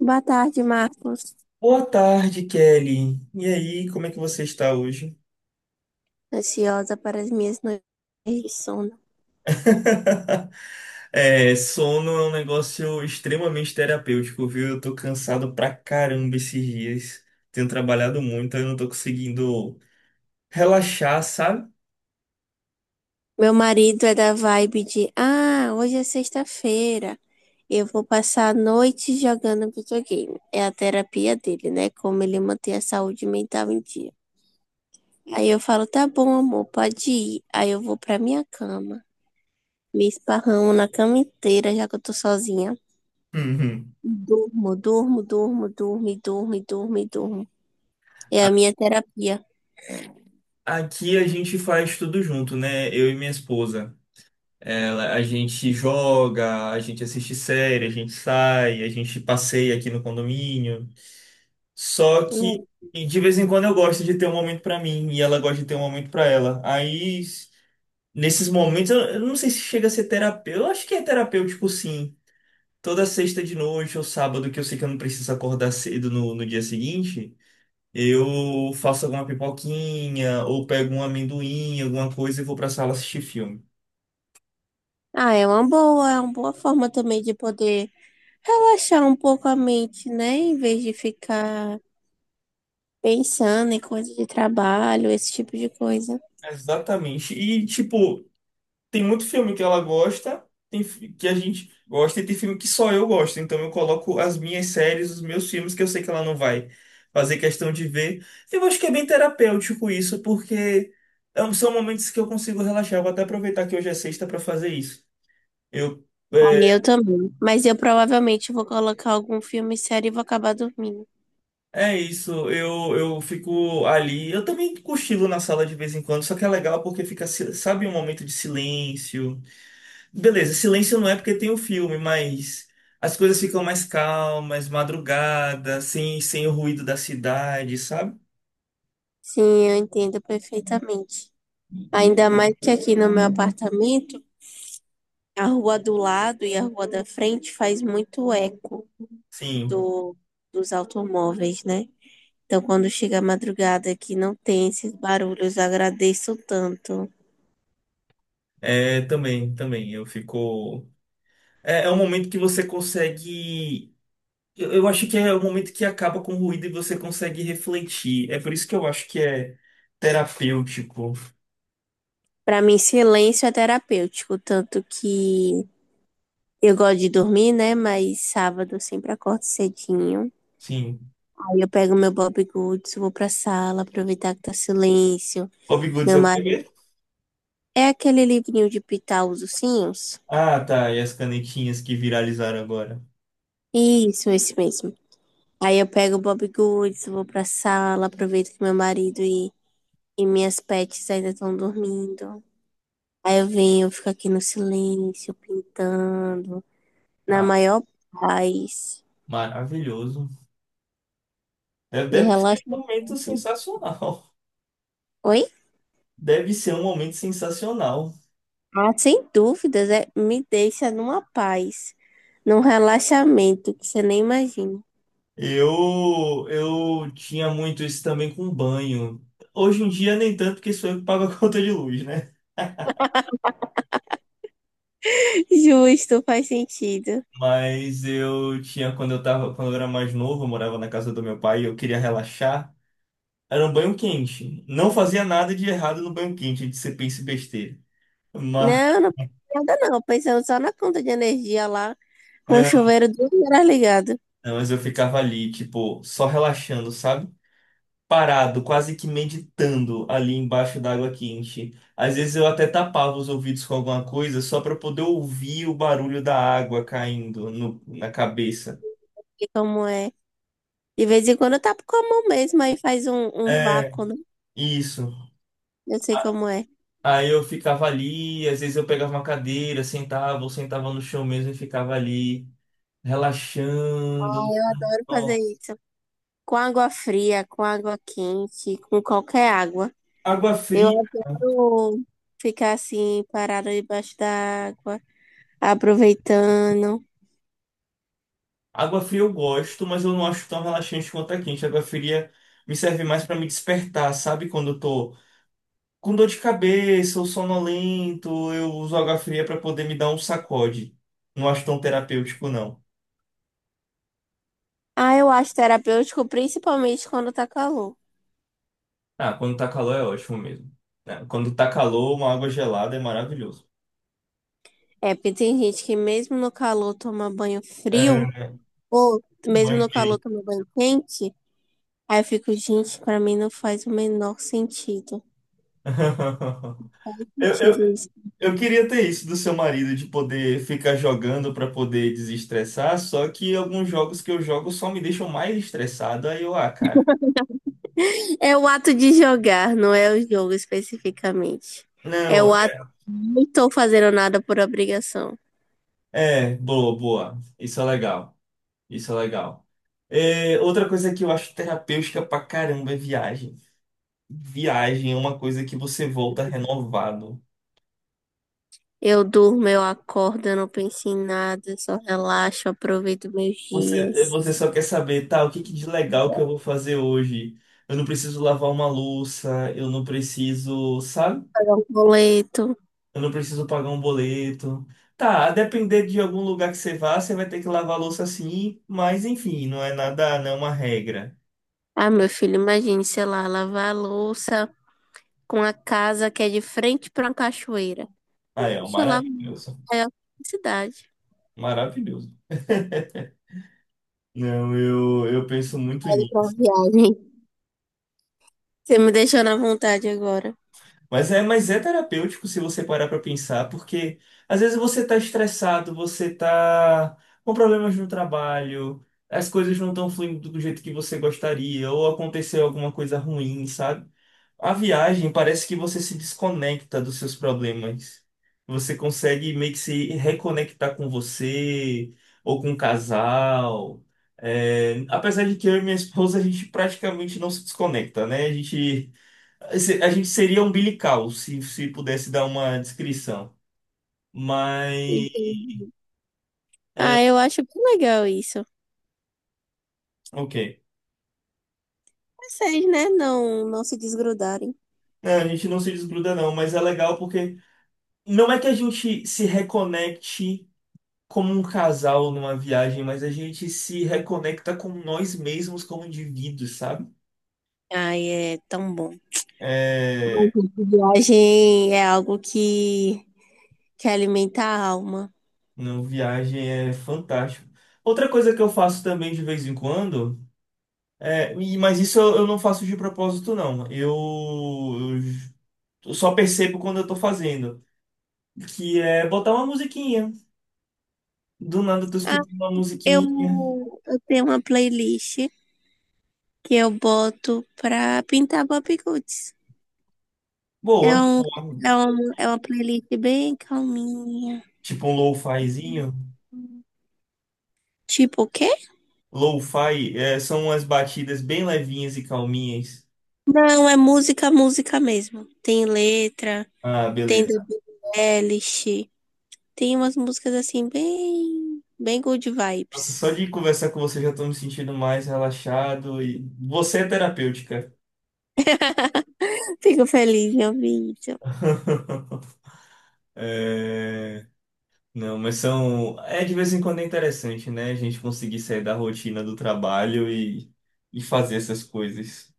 Boa tarde, Marcos. Boa tarde, Kelly. E aí, como é que você está hoje? Ansiosa para as minhas noites de sono. É, sono é um negócio extremamente terapêutico, viu? Eu tô cansado pra caramba esses dias. Tenho trabalhado muito, eu não tô conseguindo relaxar, sabe? Meu marido é da vibe de: Ah, hoje é sexta-feira. Eu vou passar a noite jogando videogame. É a terapia dele, né? Como ele mantém a saúde mental em dia. Aí eu falo: Tá bom, amor, pode ir. Aí eu vou pra minha cama. Me esparramo na cama inteira, já que eu tô sozinha. Uhum. Durmo, durmo, durmo, durmo, e durmo, e durmo, e durmo. É A- a minha terapia. Aqui a gente faz tudo junto, né? Eu e minha esposa. Ela, a gente joga, a gente assiste série, a gente sai, a gente passeia aqui no condomínio. Só que e de vez em quando eu gosto de ter um momento pra mim e ela gosta de ter um momento pra ela. Aí, nesses momentos, eu não sei se chega a ser terapêutico. Eu acho que é terapêutico, sim. Toda sexta de noite ou sábado, que eu sei que eu não preciso acordar cedo no dia seguinte, eu faço alguma pipoquinha ou pego um amendoim, alguma coisa e vou pra sala assistir filme. Ah, é uma boa forma também de poder relaxar um pouco a mente, né? Em vez de ficar pensando em coisa de trabalho, esse tipo de coisa. Exatamente. E, tipo, tem muito filme que ela gosta, que a gente gosta e tem filme que só eu gosto. Então eu coloco as minhas séries, os meus filmes que eu sei que ela não vai fazer questão de ver. Eu acho que é bem terapêutico isso, porque são momentos que eu consigo relaxar. Eu vou até aproveitar que hoje é sexta para fazer isso. Eu E é eu também. Mas eu provavelmente vou colocar algum filme sério e vou acabar dormindo. é isso, eu fico ali. Eu também cochilo na sala de vez em quando, só que é legal porque fica, sabe, um momento de silêncio. Beleza, silêncio não é porque tem o filme, mas as coisas ficam mais calmas, madrugada, sem o ruído da cidade, sabe? Sim, eu entendo perfeitamente. Ainda mais que aqui no meu apartamento, a rua do lado e a rua da frente faz muito eco Sim, do, dos automóveis, né? Então, quando chega a madrugada que não tem esses barulhos, eu agradeço tanto. é, também, também. Eu fico. É, é um momento que você consegue. Eu acho que é o momento que acaba com o ruído e você consegue refletir. É por isso que eu acho que é terapêutico. Para mim, silêncio é terapêutico, tanto que eu gosto de dormir, né? Mas sábado eu sempre acordo cedinho. Sim. Aí eu pego meu Bob Goods, vou pra sala, aproveitar que tá silêncio. Bob Goods Meu é o que marido mesmo? é aquele livrinho de pitar os ursinhos? Ah, tá. E as canetinhas que viralizaram agora. Isso, esse mesmo. Aí eu pego o Bob Goods, vou pra sala, aproveito que meu marido e minhas pets ainda estão dormindo. Aí eu venho, eu fico aqui no silêncio, pintando, na Ah, maior paz. maravilhoso. Deve, Me deve ser relaxa. um momento sensacional. Oi? Deve ser um momento sensacional. Ah, sem dúvidas, é, me deixa numa paz, num relaxamento que você nem imagina. Eu tinha muito isso também com banho. Hoje em dia nem tanto, porque sou eu que pago a conta de luz, né? Justo, faz sentido. Mas eu tinha quando eu tava, quando eu era mais novo, eu morava na casa do meu pai e eu queria relaxar. Era um banho quente. Não fazia nada de errado no banho quente, de ser pense besteira. Mas, Não, não pensei em nada não, pensando só na conta de energia lá, com o não, chuveiro 2 horas ligado. não, mas eu ficava ali, tipo, só relaxando, sabe? Parado, quase que meditando ali embaixo d'água quente. Às vezes eu até tapava os ouvidos com alguma coisa só para poder ouvir o barulho da água caindo na cabeça. E como é? De vez em quando eu tapo com a mão mesmo, aí faz um É, vácuo, né? isso. Eu sei A- como é. Aí eu ficava ali, às vezes eu pegava uma cadeira, sentava, ou sentava no chão mesmo e ficava ali, Ah, relaxando. eu adoro fazer Nossa. isso. Com água fria, com água quente, com qualquer água. Água Eu fria. adoro ficar assim, parada debaixo da água, aproveitando. Água fria eu gosto, mas eu não acho tão relaxante quanto a quente. Água fria me serve mais para me despertar, sabe? Quando eu tô com dor de cabeça, eu sonolento, eu uso água fria para poder me dar um sacode. Não acho tão terapêutico, não. Ah, eu acho terapêutico, principalmente quando tá calor. Ah, quando tá calor é ótimo mesmo. Né? Quando tá calor, uma água gelada é maravilhoso. É, porque tem gente que mesmo no calor toma banho frio, É, ou mesmo banho no calor quente. toma banho quente. Aí eu fico, gente, pra mim não faz o menor sentido. Eu, eu, Sentido isso. eu queria ter isso do seu marido, de poder ficar jogando para poder desestressar, só que alguns jogos que eu jogo só me deixam mais estressado, aí eu, ah, cara. É o ato de jogar, não é o jogo especificamente. É Não, o ato de não estou fazendo nada por obrigação. é, boa, boa. Isso é legal. Isso é legal. É, outra coisa que eu acho terapêutica pra caramba é viagem. Viagem é uma coisa que você volta renovado. Eu durmo, eu acordo, eu não penso em nada, só relaxo, aproveito meus Você, é, dias, você só quer saber, tá, o que que de legal que eu vou fazer hoje? Eu não preciso lavar uma louça, eu não preciso, sabe? pago um boleto. Eu não preciso pagar um boleto. Tá, a depender de algum lugar que você vá, você vai ter que lavar a louça sim, mas enfim, não é nada, não é uma regra. Ah, meu filho, imagine, sei lá, lavar a louça com a casa que é de frente para uma cachoeira. Ah, é, é um Poxa, eu lavo maravilhoso. é a felicidade. Maravilhoso. Não, eu penso muito Olha pra nisso. uma viagem. Você me deixou na vontade agora. Mas é terapêutico se você parar pra pensar, porque às vezes você tá estressado, você tá com problemas no trabalho, as coisas não estão fluindo do jeito que você gostaria, ou aconteceu alguma coisa ruim, sabe? A viagem parece que você se desconecta dos seus problemas. Você consegue meio que se reconectar com você ou com o casal. É, apesar de que eu e minha esposa a gente praticamente não se desconecta, né? A gente seria umbilical, se pudesse dar uma descrição. Mas, Entendi. Ah, eu acho bem legal isso. ok. Vocês, né? Não, não se desgrudarem. É, a gente não se desgruda, não, mas é legal porque não é que a gente se reconecte como um casal numa viagem, mas a gente se reconecta com nós mesmos como indivíduos, sabe? Ai, é tão bom. Ai, É, gente, viagem é algo que alimenta a alma. não, viagem é fantástico. Outra coisa que eu faço também de vez em quando, mas isso eu não faço de propósito, não. Eu j- eu só percebo quando eu tô fazendo. Que é botar uma musiquinha. Do nada tu Ah, escuta uma eu, musiquinha eu tenho uma playlist que eu boto pra pintar bobbiguts. É boa, um, boa. é uma playlist bem calminha. Tipo um lo-fizinho. Tipo o quê? Lo-fi é, são umas batidas bem levinhas e calminhas. Não, é música, música mesmo. Tem letra, Ah, tem da beleza. Billie Eilish, tem umas músicas assim bem, bem good Nossa, só vibes. de conversar com você já tô me sentindo mais relaxado e você é terapêutica. Fico feliz em ouvir isso. É, não, mas são. É de vez em quando é interessante, né? A gente conseguir sair da rotina do trabalho e fazer essas coisas.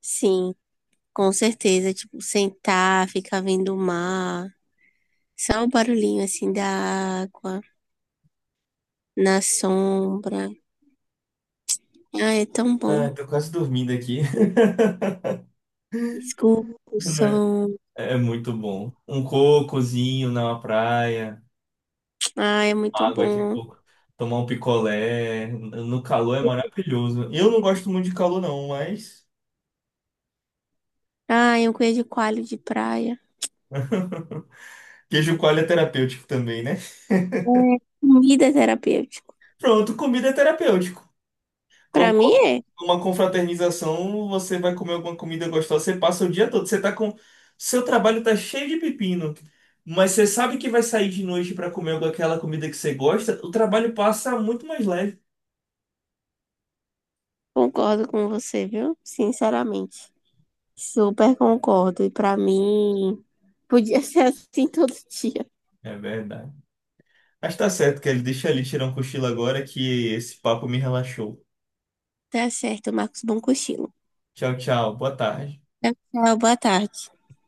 Sim, com certeza. Tipo, sentar, ficar vendo o mar. Só o barulhinho assim da água, na sombra. Ah, é tão bom. Ah, tô quase dormindo aqui. Escuta o Né? É som. é muito bom. Um cocozinho na praia, Ah, é muito água de bom. coco, tomar um picolé. No calor é maravilhoso. Eu não gosto muito de calor, não, mas Ah, um queijo coalho de praia. queijo coalho é terapêutico também, né? É, comida é terapêutico. Pronto, comida é terapêutico. Pra Com mim é. uma confraternização, você vai comer alguma comida gostosa, você passa o dia todo, você tá com. Seu trabalho tá cheio de pepino, mas você sabe que vai sair de noite para comer aquela comida que você gosta, o trabalho passa muito mais leve. Concordo com você, viu? Sinceramente. Super concordo. E pra mim, podia ser assim todo dia. É verdade. Mas tá certo, que ele deixa ali tirar um cochilo agora que esse papo me relaxou. Tá certo, Marcos. Bom cochilo. Tchau, tchau. Boa tarde. Tchau, tchau, boa tarde.